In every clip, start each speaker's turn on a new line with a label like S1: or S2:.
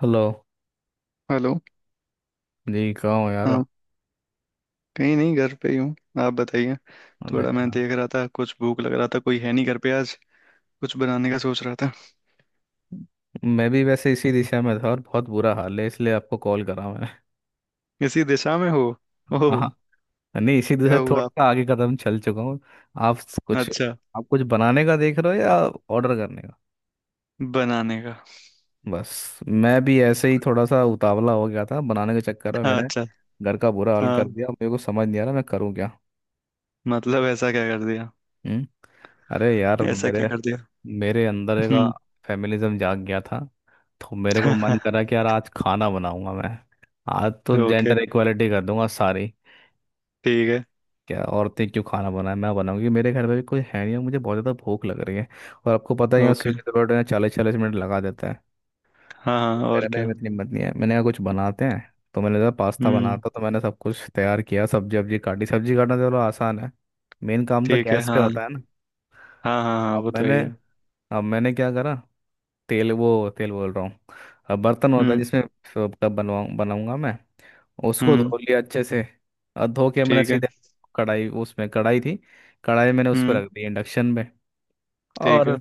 S1: Hello.
S2: Hello.
S1: जी कहाँ हो यार?
S2: हाँ। कहीं नहीं, घर पे ही हूँ। आप बताइए।
S1: अरे
S2: थोड़ा मैं
S1: यार,
S2: देख रहा था, कुछ भूख लग रहा था, कोई है नहीं घर पे आज। कुछ बनाने का सोच रहा था।
S1: मैं भी वैसे इसी दिशा में था और बहुत बुरा हाल है इसलिए आपको कॉल करा मैं।
S2: इसी दिशा में हो? ओह।
S1: हाँ हाँ। नहीं, इसी
S2: क्या
S1: दिशा से थोड़ा
S2: हुआ आप?
S1: सा आगे कदम चल चुका हूँ। आप कुछ
S2: अच्छा।
S1: आप कुछ बनाने का देख रहे हो या ऑर्डर करने का?
S2: बनाने का।
S1: बस मैं भी ऐसे ही थोड़ा सा उतावला हो गया था बनाने के चक्कर में।
S2: हाँ
S1: मैंने
S2: अच्छा।
S1: घर का बुरा हाल
S2: हाँ।
S1: कर दिया। मेरे को समझ नहीं आ रहा मैं करूँ क्या।
S2: मतलब ऐसा क्या कर दिया?
S1: हम्म। अरे यार,
S2: ऐसा क्या
S1: मेरे
S2: कर दिया?
S1: मेरे अंदर का
S2: हम्म।
S1: फेमिनिज्म जाग गया था। तो मेरे को मन करा कि यार आज खाना बनाऊंगा मैं। आज तो
S2: ओके।
S1: जेंडर इक्वालिटी कर दूंगा सारी।
S2: ठीक है।
S1: क्या औरतें क्यों खाना बनाए? मैं बनाऊंगी। मेरे घर में भी कोई है नहीं और मुझे बहुत ज़्यादा भूख लग रही है। और आपको पता है यहाँ
S2: ओके।
S1: स्विगी जोमेटो में 40-40 मिनट लगा देता है।
S2: हाँ हाँ और
S1: मेरे में
S2: क्या।
S1: इतनी हिम्मत नहीं है। मैंने कहा कुछ बनाते हैं, तो मैंने कहा पास्ता
S2: हम्म।
S1: बनाता। तो मैंने सब कुछ तैयार किया, सब्जी वब्जी काटी। सब्जी काटना तो चलो आसान है। मेन काम तो
S2: ठीक है।
S1: गैस पे
S2: हाँ
S1: होता है ना।
S2: हाँ हाँ, हाँ
S1: अब
S2: वो तो है
S1: मैंने
S2: ही है।
S1: अब मैंने क्या करा। तेल, वो तेल बोल रहा हूँ। अब बर्तन होता है
S2: हम्म।
S1: जिसमें कब बनवाऊँ बनाऊंगा मैं। उसको
S2: हम्म।
S1: धो लिया अच्छे से और धो के मैंने
S2: ठीक है।
S1: सीधे कढ़ाई, उसमें कढ़ाई थी। कढ़ाई मैंने उस पर
S2: हम्म।
S1: रख दी इंडक्शन में।
S2: ठीक
S1: और
S2: है।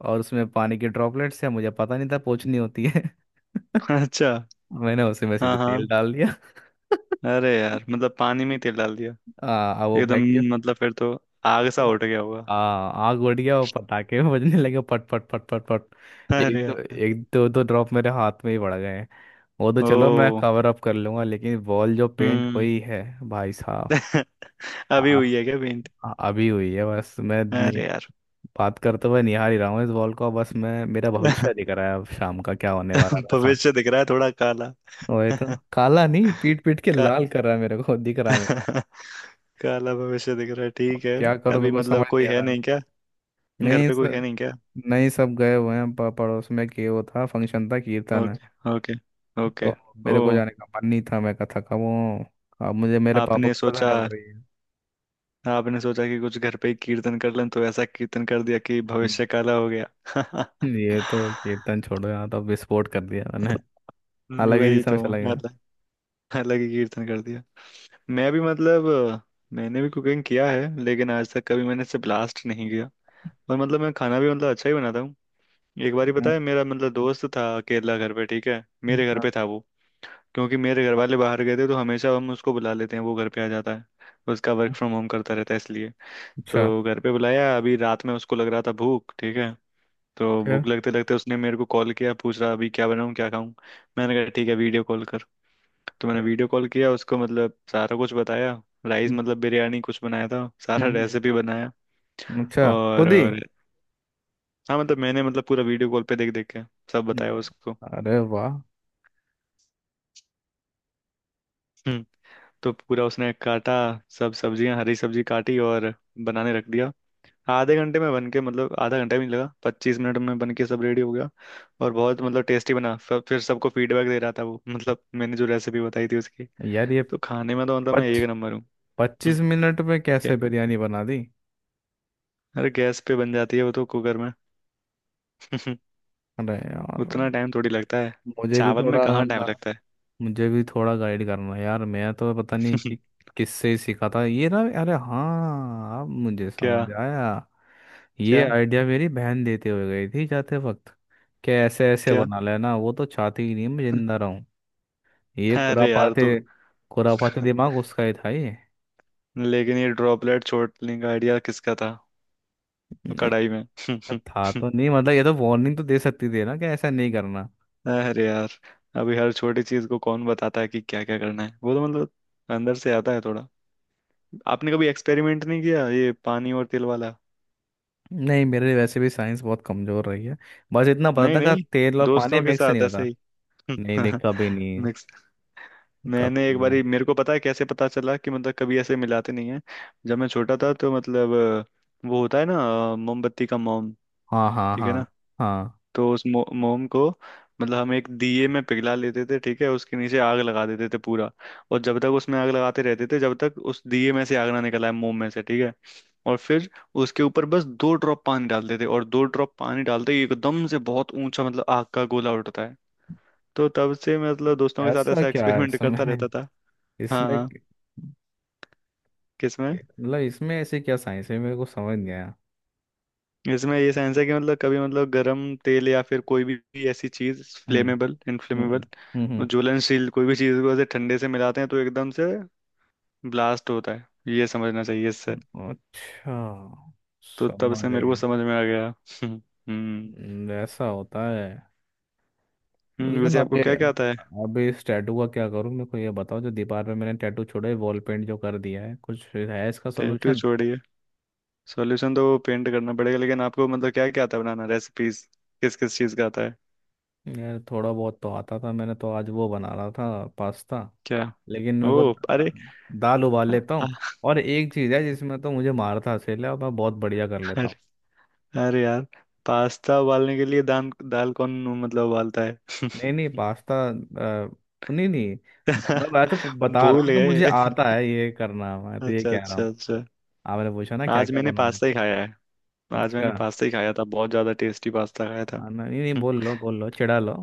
S1: और उसमें पानी के ड्रॉपलेट्स है, मुझे पता नहीं था पोंछनी होती है।
S2: अच्छा।
S1: मैंने उसी में
S2: हाँ
S1: सीधे तेल
S2: हाँ।
S1: डाल दिया।
S2: अरे यार, मतलब पानी में ही तेल डाल दिया।
S1: अब वो
S2: एकदम।
S1: बैग क्यों
S2: मतलब फिर तो आग सा
S1: फटना।
S2: उठ गया होगा।
S1: आग उड़ गया, वो पटाखे बजने लगे, पट पट पट पट पट।
S2: अरे
S1: एक दो,
S2: यार।
S1: एक दो दो ड्रॉप मेरे हाथ में ही पड़ गए हैं। वो तो चलो मैं
S2: ओ।
S1: कवर अप कर लूंगा, लेकिन वॉल जो पेंट
S2: हम्म।
S1: हुई है भाई साहब।
S2: अभी
S1: आ,
S2: हुई है क्या पेंट?
S1: आ- अभी हुई है बस। मैं
S2: अरे यार।
S1: बात करते हुए निहार ही रहा हूँ इस बॉल को। बस मैं, मेरा भविष्य दिख रहा है अब शाम का क्या होने वाला है ऐसा।
S2: भविष्य दिख रहा है थोड़ा काला।
S1: वही तो। काला नहीं, पीट पीट के
S2: का,
S1: लाल कर रहा है मेरे को दिख रहा है मेरा।
S2: काला भविष्य दिख रहा है,
S1: अब
S2: ठीक है।
S1: क्या करूँ
S2: अभी
S1: मेरे को
S2: मतलब
S1: समझ नहीं
S2: कोई
S1: आ
S2: है
S1: रहा।
S2: नहीं क्या? घर
S1: नहीं
S2: पे कोई
S1: सर।
S2: है नहीं क्या?
S1: नहीं, सब गए हुए हैं पड़ोस में, कि वो था फंक्शन था कीर्तन है।
S2: Okay okay.
S1: तो
S2: ओके। ओ।
S1: मेरे को जाने का मन नहीं था, मैं कहा थका हुआ हूं। अब मुझे मेरे पापा
S2: आपने
S1: को सजा
S2: सोचा
S1: मिल रही है।
S2: आपने सोचा कि कुछ घर पे ही कीर्तन कर लें तो ऐसा कीर्तन कर दिया कि
S1: हम्म।
S2: भविष्य काला हो गया।
S1: ये तो कीर्तन छोड़ो, यहाँ तो विस्फोट कर दिया मैंने। अलग ही
S2: वही
S1: दिशा में
S2: तो
S1: चला गया।
S2: मतलब। अलग ही कीर्तन कर दिया। मैं भी मतलब। अ, मैंने भी कुकिंग किया है, लेकिन आज तक कभी मैंने इससे ब्लास्ट नहीं किया। और मतलब मैं खाना भी मतलब अच्छा ही बनाता हूँ। एक बार ही पता
S1: हाँ,
S2: है, मेरा मतलब दोस्त था अकेला घर पे, ठीक है। मेरे घर
S1: हाँ,
S2: पे था वो। क्योंकि मेरे घर वाले बाहर गए थे, तो हमेशा हम उसको बुला लेते हैं, वो घर पे आ जाता है। उसका वर्क
S1: हाँ।
S2: फ्रॉम होम करता रहता है इसलिए।
S1: अच्छा।
S2: तो घर पे बुलाया, अभी रात में उसको लग रहा था भूख, ठीक है। तो
S1: फिर
S2: भूख लगते लगते उसने मेरे को कॉल किया, पूछ रहा अभी क्या बनाऊँ क्या खाऊं। मैंने कहा ठीक है वीडियो कॉल। तो मैंने वीडियो कॉल किया उसको, मतलब सारा कुछ बताया, राइस
S1: फिर?
S2: मतलब बिरयानी कुछ बनाया था, सारा
S1: हम्म।
S2: रेसिपी बनाया।
S1: अच्छा
S2: और,
S1: खुद ही।
S2: और हाँ मतलब मैंने मतलब पूरा वीडियो कॉल पे देख देख के सब बताया
S1: हाँ।
S2: उसको।
S1: अरे वाह।
S2: हम्म। तो पूरा उसने काटा, सब सब्जियां, हरी सब्जी काटी, और बनाने रख दिया। आधे घंटे में बन के, मतलब आधा घंटा भी नहीं लगा, 25 मिनट में बन के सब रेडी हो गया। और बहुत मतलब टेस्टी बना। फिर सबको फीडबैक दे रहा था वो, मतलब मैंने जो रेसिपी बताई थी उसकी।
S1: यार ये
S2: तो खाने में तो मतलब मैं
S1: पच
S2: एक नंबर हूँ। हम्म,
S1: 25 मिनट में
S2: ये-
S1: कैसे बिरयानी बना दी?
S2: अरे गैस पे बन जाती है वो तो, कुकर में।
S1: अरे यार,
S2: उतना टाइम थोड़ी लगता है।
S1: मुझे भी
S2: चावल
S1: थोड़ा
S2: में कहाँ टाइम
S1: गा-
S2: लगता है।
S1: मुझे भी थोड़ा गाइड करना यार। मैं तो पता नहीं कि किससे ही सीखा था ये ना। अरे हाँ अब मुझे
S2: क्या।
S1: समझ आया।
S2: क्या।
S1: ये आइडिया मेरी बहन देते हुए गई थी जाते वक्त, कि ऐसे ऐसे
S2: क्या।
S1: बना लेना। वो तो चाहती ही नहीं मैं जिंदा रहूं। ये
S2: अरे यार
S1: खुरापाते
S2: तो।
S1: खुरापाते दिमाग उसका ही था ये।
S2: लेकिन ये ड्रॉपलेट छोड़ने का आइडिया किसका था, कढ़ाई में?
S1: था तो नहीं, मतलब ये तो वार्निंग तो दे सकती थी ना कि ऐसा नहीं करना।
S2: अरे यार। अभी हर छोटी चीज को कौन बताता है कि क्या क्या करना है, वो तो मतलब अंदर से आता है थोड़ा। आपने कभी एक्सपेरिमेंट नहीं किया ये पानी और तेल वाला?
S1: नहीं, मेरे वैसे भी साइंस बहुत कमजोर रही है। बस इतना
S2: नहीं
S1: पता था कि
S2: नहीं,
S1: तेल और पानी
S2: दोस्तों के
S1: मिक्स नहीं
S2: साथ ऐसे
S1: होता।
S2: ही।
S1: नहीं नहीं, कभी नहीं।
S2: मिक्स।
S1: कभी
S2: मैंने एक
S1: नहीं ना।
S2: बारी, मेरे को पता है कैसे पता चला, कि मतलब कभी ऐसे मिलाते नहीं है। जब मैं छोटा था तो मतलब वो होता है ना, मोमबत्ती का मोम,
S1: हाँ हाँ
S2: ठीक
S1: हाँ
S2: है ना?
S1: हाँ।
S2: तो उस मोम को मतलब हम एक दिए में पिघला लेते थे, ठीक है, उसके नीचे आग लगा देते थे पूरा। और जब तक उसमें आग लगाते रहते थे, जब तक उस दिए में से आग ना निकल आए मोम में से, ठीक है। और फिर उसके ऊपर बस 2 ड्रॉप पानी डालते थे, और 2 ड्रॉप पानी डालते ही एकदम से बहुत ऊंचा, मतलब आग का गोला उठता है। तो तब से मैं मतलब दोस्तों के साथ
S1: ऐसा
S2: ऐसा
S1: क्या है
S2: एक्सपेरिमेंट करता
S1: इसमें?
S2: रहता था। हाँ
S1: इसमें
S2: हाँ।
S1: क-
S2: किसमें?
S1: मतलब इसमें ऐसे क्या साइंस है मेरे को समझ नहीं आया।
S2: इसमें ये साइंस है कि मतलब कभी मतलब गरम तेल या फिर कोई भी ऐसी चीज,
S1: हम्म
S2: फ्लेमेबल,
S1: हम्म
S2: इनफ्लेमेबल,
S1: हम्म
S2: ज्वलनशील, कोई भी चीज को ऐसे ठंडे से मिलाते हैं तो एकदम से ब्लास्ट होता है। ये समझना चाहिए इससे।
S1: अच्छा,
S2: तो तब
S1: समझ
S2: से मेरे
S1: गए।
S2: को समझ में आ गया। हम्म।
S1: ऐसा होता है।
S2: हम्म,
S1: लेकिन
S2: वैसे
S1: अब
S2: आपको
S1: ये,
S2: क्या क्या आता है?
S1: अब इस टैटू का क्या करूँ? मेरे को ये बताओ, जो दीवार पे मैंने टैटू छोड़ा है, वॉल पेंट जो कर दिया है, कुछ है इसका
S2: टैटू
S1: सोल्यूशन?
S2: छोड़िए। सॉल्यूशन तो पेंट करना पड़ेगा, लेकिन आपको मतलब क्या क्या आता है बनाना, रेसिपीज? किस किस चीज का आता है?
S1: यार थोड़ा बहुत तो आता था। मैंने तो आज वो बना रहा था पास्ता।
S2: क्या?
S1: लेकिन मेरे को
S2: ओ अरे।
S1: दाल उबाल लेता हूँ, और एक चीज़ है जिसमें तो मुझे मारता हसेला है और मैं बहुत बढ़िया कर लेता हूँ।
S2: अरे यार, पास्ता उबालने के लिए दाल, दाल कौन मतलब उबालता है।
S1: नहीं नहीं, पास्ता नहीं नहीं मैं मैं तो बता रहा
S2: भूल
S1: हूँ कि
S2: गए।
S1: मुझे आता है ये करना। मैं तो ये
S2: अच्छा
S1: कह रहा
S2: अच्छा
S1: हूँ,
S2: अच्छा।
S1: आपने पूछा ना क्या
S2: आज
S1: क्या
S2: मैंने
S1: बना
S2: पास्ता
S1: लेते
S2: ही
S1: हैं।
S2: खाया है। आज
S1: अच्छा।
S2: मैंने पास्ता ही खाया था, बहुत ज्यादा टेस्टी पास्ता खाया था।
S1: हाँ, नहीं नहीं,
S2: हम्म।
S1: बोल लो बोल लो, चिढ़ा लो।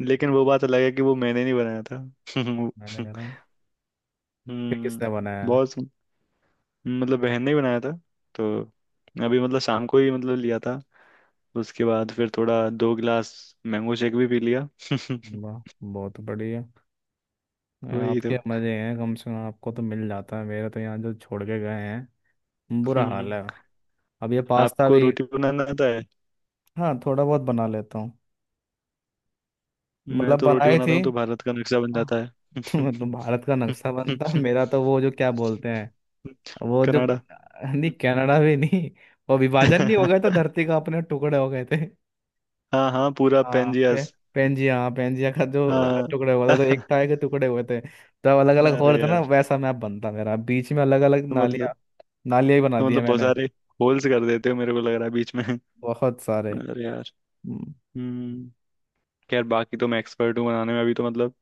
S2: लेकिन वो बात अलग है कि वो मैंने नहीं बनाया था।
S1: मैंने कहा ना कि
S2: हम्म।
S1: किसने बनाया है?
S2: बहुत सु- मतलब बहन ने ही बनाया था तो। अभी मतलब शाम को ही मतलब लिया था। उसके बाद फिर थोड़ा 2 गिलास मैंगो शेक भी पी लिया।
S1: वाह बहुत बढ़िया।
S2: वही तो।
S1: आपके मजे हैं, कम से कम आपको तो मिल जाता है, मेरे तो यहाँ जो छोड़ के गए हैं बुरा
S2: हम्म
S1: हाल है।
S2: हम्म।
S1: अब ये पास्ता
S2: आपको
S1: भी।
S2: रोटी बनाना आता है?
S1: हाँ, थोड़ा बहुत बना लेता हूँ।
S2: मैं
S1: मतलब
S2: तो रोटी
S1: बनाई
S2: बनाता
S1: थी
S2: हूँ तो भारत का नक्शा बन जाता है।
S1: तो, भारत का नक्शा बनता मेरा। तो वो जो क्या बोलते हैं, वो जो,
S2: कनाडा।
S1: नहीं कनाडा भी नहीं, वो विभाजन नहीं हो गया था धरती का, अपने टुकड़े हो गए थे।
S2: हाँ हाँ, पूरा
S1: हाँ पे,
S2: पेंजियस।
S1: पेंजिया, हाँ पेंजिया का जो अलग
S2: हाँ।
S1: टुकड़े हुए थे, वो तो
S2: अरे
S1: एक ताए के टुकड़े हुए थे। तब अलग अलग हो रहे थे ना,
S2: यार
S1: वैसा मैप बनता मेरा, बीच में अलग अलग
S2: तो
S1: नालियाँ,
S2: मतलब।
S1: नालियाँ ही बना
S2: तो
S1: दिए
S2: मतलब बहुत
S1: मैंने
S2: सारे होल्स कर देते हो, मेरे को लग रहा है बीच में।
S1: बहुत सारे।
S2: अरे यार।
S1: हम्म,
S2: हम्म। यार बाकी तो मैं एक्सपर्ट हूँ बनाने में, अभी तो मतलब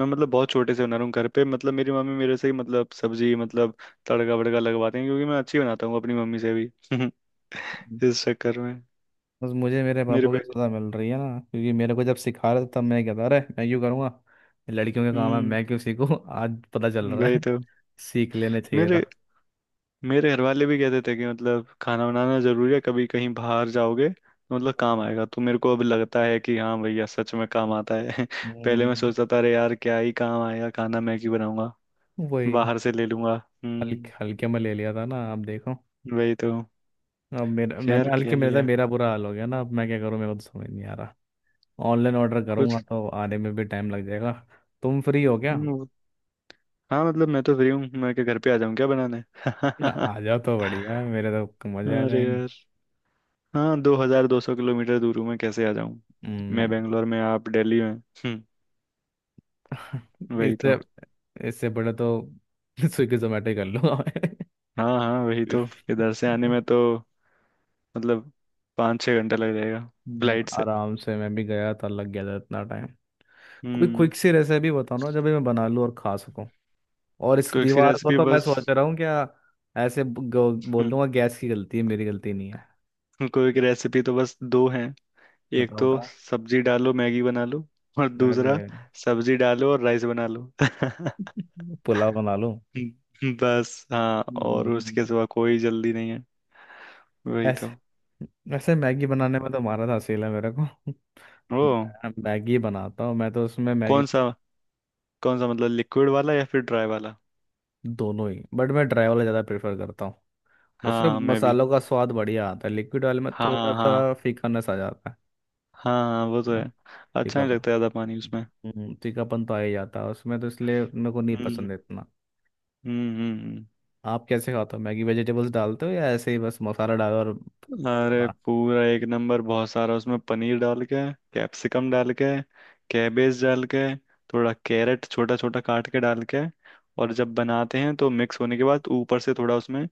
S2: मैं मतलब बहुत छोटे से बना रहा हूँ घर पे, मतलब मेरी मम्मी मेरे से ही मतलब सब्जी मतलब तड़का वड़का लगवाते हैं क्योंकि मैं अच्छी बनाता हूँ अपनी मम्मी से भी। इस चक्कर में
S1: बस मुझे मेरे
S2: मेरे
S1: पापा की
S2: पे।
S1: सजा मिल रही है ना, क्योंकि मेरे को जब सिखा रहे थे तब मैं कहता अरे मैं क्यों करूँगा, ये लड़कियों का काम है
S2: हम्म।
S1: मैं क्यों सीखूं। आज पता चल रहा
S2: वही
S1: है
S2: तो।
S1: सीख लेने चाहिए
S2: मेरे
S1: था।
S2: मेरे घर वाले भी कहते थे कि मतलब खाना बनाना जरूरी है, कभी कहीं बाहर जाओगे तो मतलब काम आएगा, तो मेरे को अब लगता है कि हाँ भैया सच में काम आता है। पहले मैं
S1: हम्म,
S2: सोचता था अरे यार क्या ही काम आएगा खाना, मैं क्यों बनाऊंगा,
S1: वही।
S2: बाहर से ले लूंगा।
S1: हल्के
S2: हम्म।
S1: हल्के में ले लिया था ना आप देखो।
S2: वही तो।
S1: अब मेरा,
S2: खैर
S1: मैंने
S2: क्या
S1: हल्के में
S2: ही
S1: लिया था,
S2: है।
S1: मेरा बुरा हाल हो गया ना। अब मैं क्या करूँ मेरे को तो समझ नहीं आ रहा। ऑनलाइन ऑर्डर करूंगा
S2: कुछ।
S1: तो आने में भी टाइम लग जाएगा। तुम फ्री हो क्या?
S2: हम्म, हाँ मतलब मैं तो फ्री हूँ, मैं क्या घर पे आ जाऊँ क्या बनाने।
S1: ना आ जाओ तो बढ़िया है, मेरे तो मजे आ
S2: अरे
S1: जाएंगे।
S2: यार। हाँ, 2,200 किलोमीटर दूर हूँ, मैं कैसे आ जाऊँ। मैं
S1: हम्म।
S2: बेंगलोर में, आप दिल्ली में। हम्म। वही
S1: इससे
S2: तो।
S1: इससे बड़ा तो स्विगी जोमेटो ही कर लूंगा मैं।
S2: हाँ हाँ वही तो। इधर से आने में तो मतलब 5-6 घंटा लग जाएगा, फ्लाइट से।
S1: आराम से। मैं भी गया था, लग गया था इतना टाइम। कोई
S2: हम्म।
S1: क्विक सी रेसिपी बताओ ना जब मैं बना लूं और खा सकूं। और इस
S2: कोई सी
S1: दीवार को
S2: रेसिपी
S1: तो मैं
S2: बस।
S1: सोच रहा हूँ, क्या ऐसे बोल
S2: हम्म।
S1: दूंगा गैस की गलती है, मेरी गलती नहीं है।
S2: कोई की रेसिपी तो बस दो हैं। एक
S1: बताओ
S2: तो
S1: बताओ।
S2: सब्जी डालो, मैगी बना लो, और
S1: अरे
S2: दूसरा सब्जी डालो और राइस बना लो।
S1: पुलाव बना लूं।
S2: बस हाँ, और उसके
S1: हम्म।
S2: सिवा कोई जल्दी नहीं है। वही
S1: ऐसे,
S2: तो।
S1: वैसे मैगी बनाने में तो मारा था असील है मेरे को।
S2: ओ।
S1: मैं मैगी बनाता हूँ मैं, तो उसमें मैगी
S2: कौन सा, कौन सा मतलब लिक्विड वाला या फिर ड्राई वाला?
S1: दोनों ही, बट मैं ड्राई वाला ज़्यादा प्रेफर करता हूँ। उसमें
S2: हाँ मैं भी।
S1: मसालों का स्वाद बढ़िया आता है, लिक्विड वाले में
S2: हाँ
S1: थोड़ा
S2: हाँ हाँ,
S1: सा फीकानेस आ जाता है
S2: हाँ वो तो
S1: ना।
S2: है। अच्छा नहीं
S1: फीकापन।
S2: लगता ज्यादा पानी उसमें।
S1: फीकापन तो आ ही जाता है उसमें, तो इसलिए मेरे को नहीं
S2: हम्म।
S1: पसंद है इतना।
S2: हम्म हम्म।
S1: आप कैसे खाते हो मैगी? वेजिटेबल्स डालते हो या ऐसे ही बस मसाला डालो? और
S2: हम्म। अरे पूरा एक नंबर, बहुत सारा उसमें पनीर डाल के, कैप्सिकम डाल के, कैबेज डाल के, थोड़ा कैरेट छोटा छोटा काट के डाल के। और जब बनाते हैं तो मिक्स होने के बाद ऊपर से थोड़ा उसमें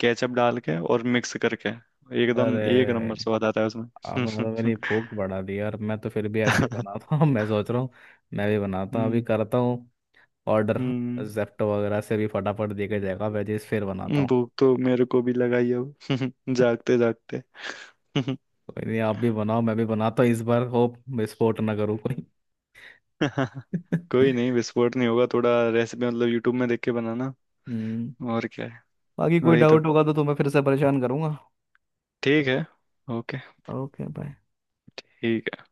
S2: केचप डाल के और मिक्स करके एकदम एक
S1: अरे,
S2: नंबर स्वाद आता है उसमें।
S1: आपने तो मेरी भूख बढ़ा दी यार। मैं तो फिर भी ऐसे ही बनाता हूँ। मैं सोच रहा हूँ मैं भी बनाता हूँ अभी।
S2: हम्म
S1: करता हूँ ऑर्डर।
S2: हम्म।
S1: जेप्टो वगैरह से भी फटाफट देके जाएगा वेजेस, फिर बनाता हूँ।
S2: भूख तो मेरे को भी लगा ही अब, जागते जागते।
S1: कोई नहीं, आप भी बनाओ मैं भी बनाता हूँ। इस बार होप विस्फोट ना करूँ कोई।
S2: कोई नहीं, विस्फोट नहीं होगा, थोड़ा रेसिपी मतलब यूट्यूब में देख के बनाना।
S1: हम्म।
S2: और क्या है।
S1: बाकी कोई
S2: वही तो।
S1: डाउट होगा तो तुम्हें फिर से परेशान करूंगा।
S2: ठीक है। ओके।
S1: Okay bye.
S2: ठीक है।